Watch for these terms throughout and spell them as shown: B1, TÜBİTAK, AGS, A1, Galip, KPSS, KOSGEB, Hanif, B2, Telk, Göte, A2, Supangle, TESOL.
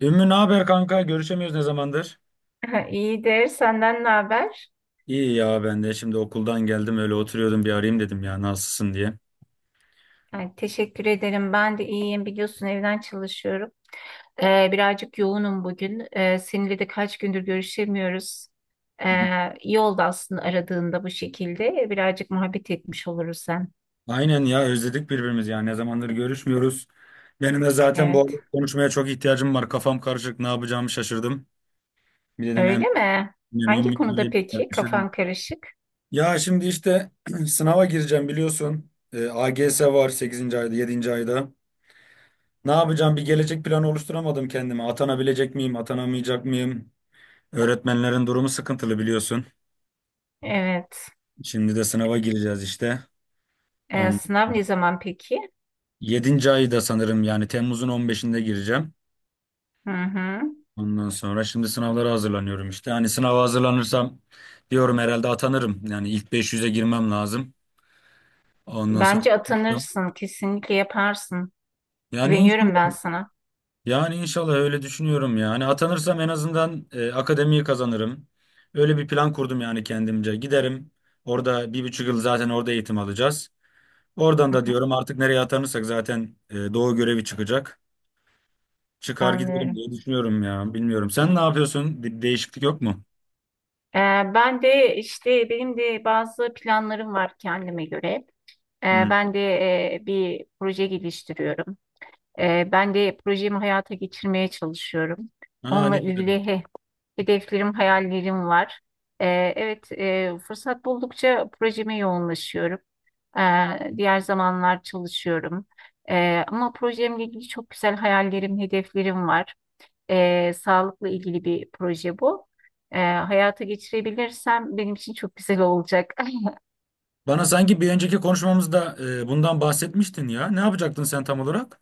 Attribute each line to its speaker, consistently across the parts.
Speaker 1: Ümmü ne haber kanka? Görüşemiyoruz ne zamandır?
Speaker 2: İyidir. Senden ne haber?
Speaker 1: İyi ya ben de şimdi okuldan geldim öyle oturuyordum bir arayayım dedim ya nasılsın diye.
Speaker 2: Ay, teşekkür ederim. Ben de iyiyim. Biliyorsun evden çalışıyorum. Birazcık yoğunum bugün. Seninle de kaç gündür görüşemiyoruz. İyi oldu aslında aradığında bu şekilde. Birazcık muhabbet etmiş oluruz sen.
Speaker 1: Aynen ya özledik birbirimizi ya ne zamandır görüşmüyoruz. Benim de zaten bu arada
Speaker 2: Evet.
Speaker 1: konuşmaya çok ihtiyacım var. Kafam karışık ne yapacağımı şaşırdım. Bir dedim hem
Speaker 2: Öyle mi?
Speaker 1: yani
Speaker 2: Hangi
Speaker 1: Ümmü'yle
Speaker 2: konuda
Speaker 1: arayıp
Speaker 2: peki?
Speaker 1: dertleşelim.
Speaker 2: Kafan karışık.
Speaker 1: Ya şimdi işte sınava gireceğim biliyorsun. AGS var sekizinci ayda 7. ayda. Ne yapacağım bir gelecek planı oluşturamadım kendime. Atanabilecek miyim atanamayacak mıyım? Öğretmenlerin durumu sıkıntılı biliyorsun.
Speaker 2: Evet.
Speaker 1: Şimdi de sınava gireceğiz işte. On,
Speaker 2: Sınav ne zaman peki?
Speaker 1: yedinci ayı da sanırım yani Temmuz'un on beşinde gireceğim.
Speaker 2: Hı hı.
Speaker 1: Ondan sonra şimdi sınavlara hazırlanıyorum işte. Hani sınava hazırlanırsam diyorum herhalde atanırım. Yani ilk beş yüze girmem lazım. Ondan sonra
Speaker 2: Bence atanırsın. Kesinlikle yaparsın.
Speaker 1: yani
Speaker 2: Güveniyorum ben
Speaker 1: inşallah,
Speaker 2: sana.
Speaker 1: yani inşallah öyle düşünüyorum ya. Hani atanırsam en azından akademiyi kazanırım. Öyle bir plan kurdum yani kendimce. Giderim. Orada bir buçuk yıl zaten orada eğitim alacağız. Oradan da
Speaker 2: Hı hı.
Speaker 1: diyorum artık nereye atanırsak zaten Doğu görevi çıkacak. Çıkar gidelim
Speaker 2: Anlıyorum.
Speaker 1: diye düşünüyorum ya. Bilmiyorum. Sen ne yapıyorsun? Bir değişiklik yok mu?
Speaker 2: Ee, benim de bazı planlarım var kendime göre. Ee,
Speaker 1: Hı.
Speaker 2: ben de Bir proje geliştiriyorum. Ben de projemi hayata geçirmeye çalışıyorum.
Speaker 1: Aa ne
Speaker 2: Onunla
Speaker 1: güzel.
Speaker 2: ilgili hedeflerim, hayallerim var. Evet, fırsat buldukça projeme yoğunlaşıyorum. Diğer zamanlar çalışıyorum. Ama projemle ilgili çok güzel hayallerim, hedeflerim var. Sağlıkla ilgili bir proje bu. Hayata geçirebilirsem benim için çok güzel olacak.
Speaker 1: Bana sanki bir önceki konuşmamızda bundan bahsetmiştin ya. Ne yapacaktın sen tam olarak?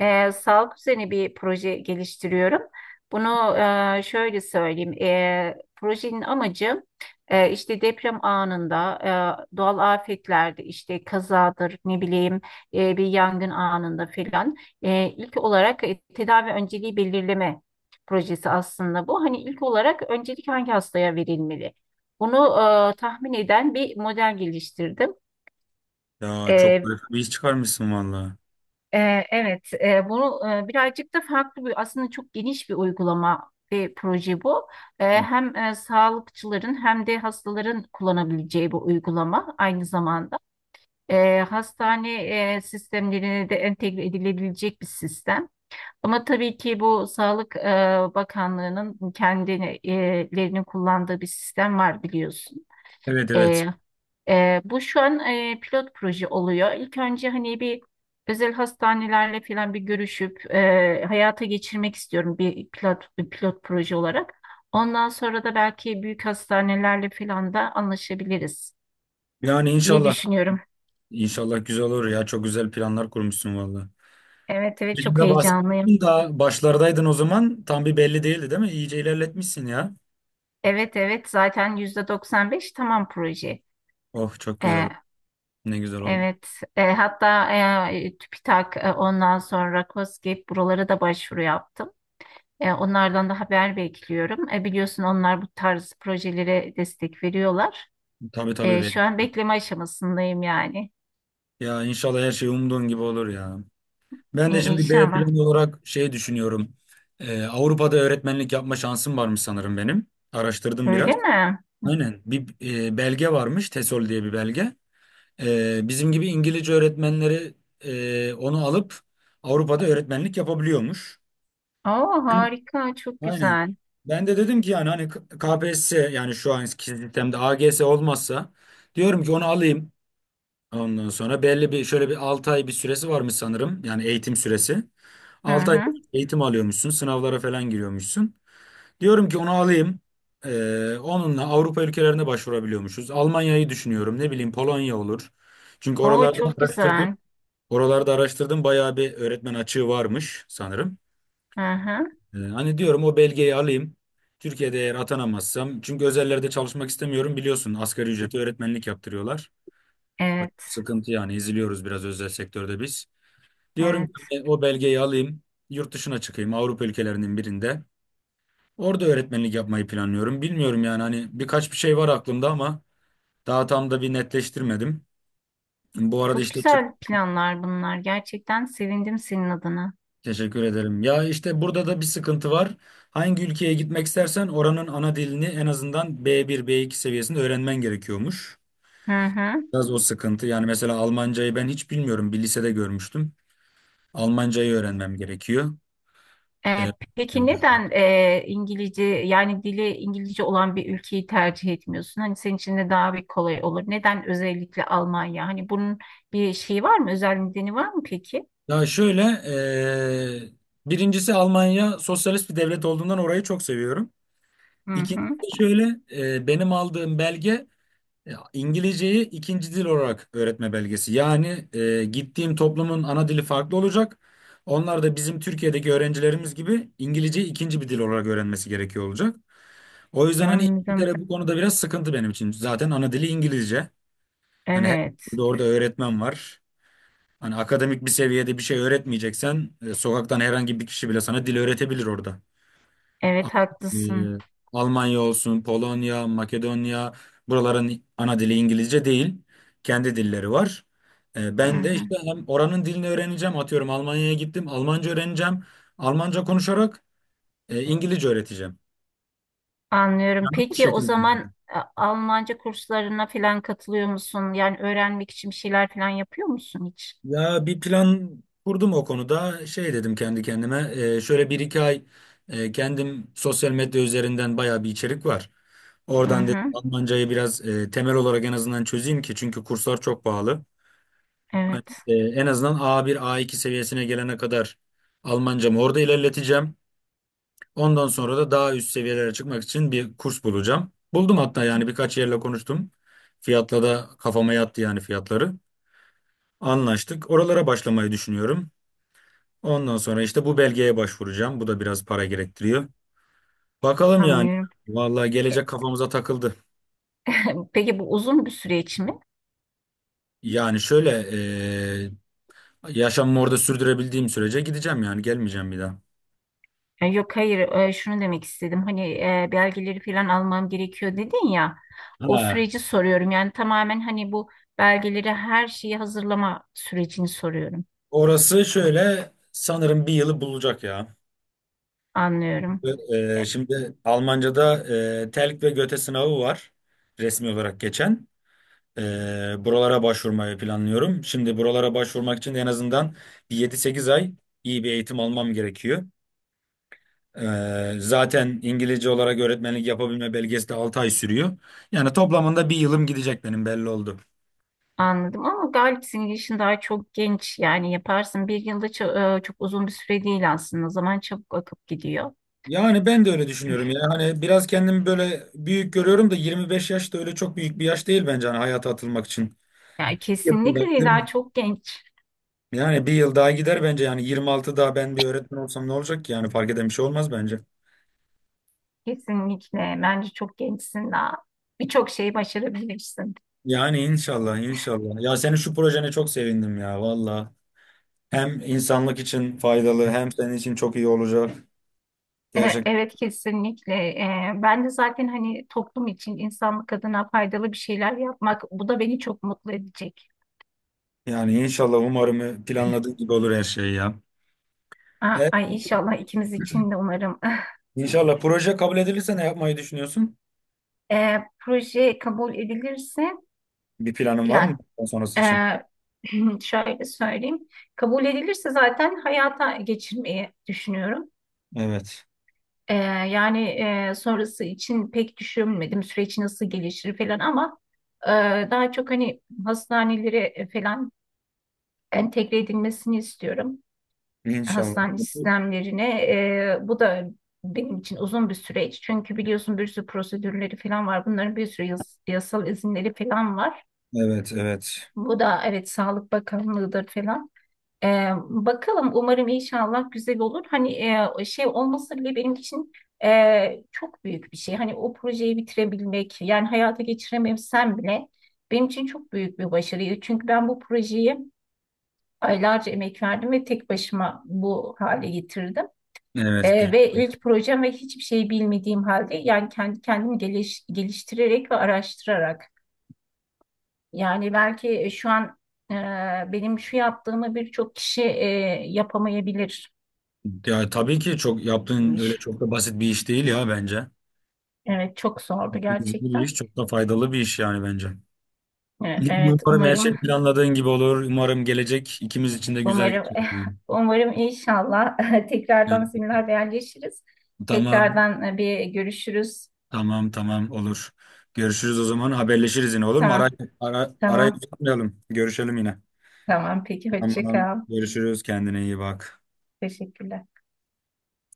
Speaker 2: Sağlık üzerine bir proje geliştiriyorum. Bunu Şöyle söyleyeyim. Projenin amacı işte deprem anında, doğal afetlerde, işte kazadır, ne bileyim bir yangın anında filan ilk olarak tedavi önceliği belirleme projesi aslında bu. Hani ilk olarak öncelik hangi hastaya verilmeli? Bunu Tahmin eden bir model geliştirdim.
Speaker 1: Ya çok büyük bir iş çıkarmışsın valla.
Speaker 2: Evet, birazcık da farklı bir aslında çok geniş bir uygulama ve proje bu.
Speaker 1: Hı.
Speaker 2: Hem sağlıkçıların hem de hastaların kullanabileceği bir uygulama aynı zamanda. Hastane sistemlerine de entegre edilebilecek bir sistem. Ama tabii ki bu Sağlık Bakanlığı'nın kendilerinin kullandığı bir sistem var biliyorsun.
Speaker 1: Evet, evet.
Speaker 2: Bu şu an pilot proje oluyor. İlk önce hani bir özel hastanelerle falan bir görüşüp hayata geçirmek istiyorum bir pilot proje olarak. Ondan sonra da belki büyük hastanelerle falan da anlaşabiliriz
Speaker 1: Yani
Speaker 2: diye
Speaker 1: inşallah.
Speaker 2: düşünüyorum.
Speaker 1: İnşallah güzel olur ya. Çok güzel planlar kurmuşsun valla.
Speaker 2: Evet, evet,
Speaker 1: Şimdi
Speaker 2: çok
Speaker 1: de
Speaker 2: heyecanlıyım.
Speaker 1: bahsetmiştin da başlardaydın o zaman. Tam bir belli değildi değil mi? İyice ilerletmişsin ya.
Speaker 2: Evet, evet, zaten %95 tamam proje.
Speaker 1: Oh çok güzel.
Speaker 2: Ee,
Speaker 1: Ne güzel oldu.
Speaker 2: evet, hatta TÜBİTAK, ondan sonra KOSGEB, buralara da başvuru yaptım. Onlardan da haber bekliyorum. Biliyorsun onlar bu tarz projelere destek veriyorlar.
Speaker 1: Tabii, tabii. be.
Speaker 2: Şu an bekleme aşamasındayım yani.
Speaker 1: Ya inşallah her şey umduğun gibi olur ya. Ben
Speaker 2: İ-
Speaker 1: de şimdi B
Speaker 2: İnşallah.
Speaker 1: planı olarak şey düşünüyorum. Avrupa'da öğretmenlik yapma şansım varmış sanırım benim. Araştırdım biraz.
Speaker 2: Öyle mi?
Speaker 1: Aynen. Bir belge varmış. TESOL diye bir belge. Bizim gibi İngilizce öğretmenleri onu alıp Avrupa'da öğretmenlik yapabiliyormuş.
Speaker 2: Oo
Speaker 1: Ben-
Speaker 2: harika, çok
Speaker 1: Aynen.
Speaker 2: güzel.
Speaker 1: Ben de dedim ki yani hani KPSS yani şu anki sistemde AGS olmazsa diyorum ki onu alayım. Ondan sonra belli bir şöyle bir 6 ay bir süresi varmış sanırım. Yani eğitim süresi.
Speaker 2: Hı
Speaker 1: 6 ay
Speaker 2: hı.
Speaker 1: eğitim alıyormuşsun. Sınavlara falan giriyormuşsun. Diyorum ki onu alayım. Onunla Avrupa ülkelerine başvurabiliyormuşuz. Almanya'yı düşünüyorum. Ne bileyim Polonya olur. Çünkü
Speaker 2: Oo
Speaker 1: oralarda
Speaker 2: çok
Speaker 1: araştırdım.
Speaker 2: güzel.
Speaker 1: Oralarda araştırdım. Bayağı bir öğretmen açığı varmış sanırım.
Speaker 2: Hı hı.
Speaker 1: Hani diyorum o belgeyi alayım. Türkiye'de eğer atanamazsam. Çünkü özellerde çalışmak istemiyorum. Biliyorsun asgari ücreti öğretmenlik yaptırıyorlar. Bak,
Speaker 2: Evet,
Speaker 1: sıkıntı yani eziliyoruz biraz özel sektörde biz. Diyorum ki
Speaker 2: evet.
Speaker 1: o belgeyi alayım, yurt dışına çıkayım Avrupa ülkelerinin birinde. Orada öğretmenlik yapmayı planlıyorum. Bilmiyorum yani hani birkaç bir şey var aklımda ama daha tam da bir netleştirmedim. Bu arada
Speaker 2: Çok
Speaker 1: işte çık.
Speaker 2: güzel planlar bunlar. Gerçekten sevindim senin adına.
Speaker 1: Teşekkür ederim. Ya işte burada da bir sıkıntı var. Hangi ülkeye gitmek istersen oranın ana dilini en azından B1, B2 seviyesinde öğrenmen gerekiyormuş.
Speaker 2: Hı hı.
Speaker 1: Biraz o sıkıntı. Yani mesela Almancayı ben hiç bilmiyorum. Bir lisede görmüştüm. Almancayı öğrenmem gerekiyor.
Speaker 2: E, peki
Speaker 1: Ee,
Speaker 2: neden İngilizce, yani dili İngilizce olan bir ülkeyi tercih etmiyorsun? Hani senin için de daha bir kolay olur. Neden özellikle Almanya? Hani bunun bir şeyi var mı? Özel nedeni var mı peki?
Speaker 1: Ya şöyle, birincisi Almanya sosyalist bir devlet olduğundan orayı çok seviyorum.
Speaker 2: Hı hı.
Speaker 1: İkincisi şöyle, benim aldığım belge İngilizceyi ikinci dil olarak öğretme belgesi. Yani gittiğim toplumun ana dili farklı olacak. Onlar da bizim Türkiye'deki öğrencilerimiz gibi İngilizceyi ikinci bir dil olarak öğrenmesi gerekiyor olacak. O yüzden hani İngiltere
Speaker 2: Anladım.
Speaker 1: bu konuda biraz sıkıntı benim için. Zaten ana dili İngilizce. Hani her
Speaker 2: Evet.
Speaker 1: yerde orada öğretmen var. Hani akademik bir seviyede bir şey öğretmeyeceksen sokaktan herhangi bir kişi bile sana dil öğretebilir orada. Ama,
Speaker 2: Evet haklısın.
Speaker 1: e, Almanya olsun, Polonya, Makedonya buraların ana dili İngilizce değil. Kendi dilleri var.
Speaker 2: Hı
Speaker 1: Ben de
Speaker 2: hı.
Speaker 1: işte hem oranın dilini öğreneceğim. Atıyorum Almanya'ya gittim. Almanca öğreneceğim. Almanca konuşarak İngilizce öğreteceğim.
Speaker 2: Anlıyorum.
Speaker 1: Yani bu
Speaker 2: Peki o
Speaker 1: şekilde.
Speaker 2: zaman Almanca kurslarına falan katılıyor musun? Yani öğrenmek için bir şeyler falan yapıyor musun hiç?
Speaker 1: Ya bir plan kurdum o konuda. Şey dedim kendi kendime. Şöyle bir iki ay kendim sosyal medya üzerinden bayağı bir içerik var.
Speaker 2: Hı
Speaker 1: Oradan dedim
Speaker 2: hı.
Speaker 1: Almancayı biraz temel olarak en azından çözeyim ki çünkü kurslar çok pahalı. Hani,
Speaker 2: Evet.
Speaker 1: en azından A1, A2 seviyesine gelene kadar Almancamı orada ilerleteceğim. Ondan sonra da daha üst seviyelere çıkmak için bir kurs bulacağım. Buldum hatta yani birkaç yerle konuştum. Fiyatla da kafama yattı yani fiyatları. Anlaştık. Oralara başlamayı düşünüyorum. Ondan sonra işte bu belgeye başvuracağım. Bu da biraz para gerektiriyor. Bakalım yani.
Speaker 2: Anlıyorum.
Speaker 1: Vallahi
Speaker 2: E,
Speaker 1: gelecek kafamıza takıldı.
Speaker 2: Peki bu uzun bir süreç mi?
Speaker 1: Yani şöyle yaşamımı orada sürdürebildiğim sürece gideceğim yani gelmeyeceğim bir daha.
Speaker 2: Yok, hayır, şunu demek istedim hani belgeleri falan almam gerekiyor dedin ya, o
Speaker 1: Ha.
Speaker 2: süreci soruyorum, yani tamamen hani bu belgeleri her şeyi hazırlama sürecini soruyorum.
Speaker 1: Orası şöyle sanırım bir yılı bulacak ya.
Speaker 2: Anlıyorum.
Speaker 1: Ve,
Speaker 2: E,
Speaker 1: şimdi Almanca'da Telk ve Göte sınavı var resmi olarak geçen. E, buralara başvurmayı planlıyorum. Şimdi buralara başvurmak için en azından bir 7-8 ay iyi bir eğitim almam gerekiyor. Zaten İngilizce olarak öğretmenlik yapabilme belgesi de 6 ay sürüyor. Yani toplamında bir yılım gidecek benim belli oldu.
Speaker 2: Anladım, ama Galip senin yaşın daha çok genç, yani yaparsın bir yılda, çok uzun bir süre değil aslında, zaman çabuk akıp gidiyor.
Speaker 1: Yani ben de öyle düşünüyorum ya. Hani biraz kendimi böyle büyük görüyorum da 25 yaş da öyle çok büyük bir yaş değil bence hani hayata atılmak için.
Speaker 2: Yani
Speaker 1: Yılında,
Speaker 2: kesinlikle değil,
Speaker 1: değil mi?
Speaker 2: daha çok genç.
Speaker 1: Yani bir yıl daha gider bence yani 26 daha ben bir öğretmen olsam ne olacak ki yani fark eden bir şey olmaz bence.
Speaker 2: Kesinlikle bence çok gençsin, daha birçok şeyi başarabilirsin.
Speaker 1: Yani inşallah, inşallah. Ya senin şu projene çok sevindim ya valla. Hem insanlık için faydalı hem senin için çok iyi olacak. Gerçekten.
Speaker 2: Evet kesinlikle. Ben de zaten hani toplum için insanlık adına faydalı bir şeyler yapmak, bu da beni çok mutlu edecek.
Speaker 1: Yani inşallah umarım planladığın gibi olur her şey ya.
Speaker 2: Aa,
Speaker 1: Evet,
Speaker 2: ay inşallah ikimiz için de umarım.
Speaker 1: inşallah proje kabul edilirse ne yapmayı düşünüyorsun?
Speaker 2: Proje kabul edilirse
Speaker 1: Bir planın var mı
Speaker 2: ya,
Speaker 1: bundan sonrası
Speaker 2: e,
Speaker 1: için?
Speaker 2: şöyle söyleyeyim. Kabul edilirse zaten hayata geçirmeyi düşünüyorum.
Speaker 1: Evet.
Speaker 2: E, yani Sonrası için pek düşünmedim süreç nasıl gelişir falan, ama e, daha çok hani hastanelere falan entegre edilmesini istiyorum.
Speaker 1: İnşallah.
Speaker 2: Hastane sistemlerine. Bu da benim için uzun bir süreç. Çünkü biliyorsun bir sürü prosedürleri falan var. Bunların bir sürü yasal izinleri falan var.
Speaker 1: Evet, evet.
Speaker 2: Bu da evet, Sağlık Bakanlığı'dır falan. E, Bakalım, umarım inşallah güzel olur. Hani şey olması bile benim için çok büyük bir şey. Hani o projeyi bitirebilmek, yani hayata geçirememsem bile benim için çok büyük bir başarıydı. Çünkü ben bu projeyi aylarca emek verdim ve tek başıma bu hale getirdim.
Speaker 1: Evet.
Speaker 2: Ve ilk projem ve hiçbir şey bilmediğim halde, yani kendi kendimi geliştirerek ve araştırarak, yani belki şu an e, benim şu yaptığımı birçok kişi yapamayabilir.
Speaker 1: Ya tabii ki çok yaptığın öyle çok da basit bir iş değil ya bence.
Speaker 2: Evet çok zordu
Speaker 1: Çok da güzel bir iş,
Speaker 2: gerçekten.
Speaker 1: çok da faydalı bir iş yani bence.
Speaker 2: Evet
Speaker 1: Umarım her şey
Speaker 2: umarım.
Speaker 1: planladığın gibi olur. Umarım gelecek ikimiz için de güzel
Speaker 2: umarım
Speaker 1: geçer.
Speaker 2: Umarım inşallah.
Speaker 1: Yani,
Speaker 2: Tekrardan seninle haberleşiriz.
Speaker 1: tamam.
Speaker 2: Tekrardan bir görüşürüz.
Speaker 1: Tamam, tamam olur. Görüşürüz o zaman haberleşiriz yine olur mu?
Speaker 2: Tamam
Speaker 1: Arayı
Speaker 2: tamam
Speaker 1: tutmayalım. Görüşelim yine.
Speaker 2: tamam, peki hoşça
Speaker 1: Tamam
Speaker 2: kal.
Speaker 1: görüşürüz kendine iyi bak.
Speaker 2: Teşekkürler.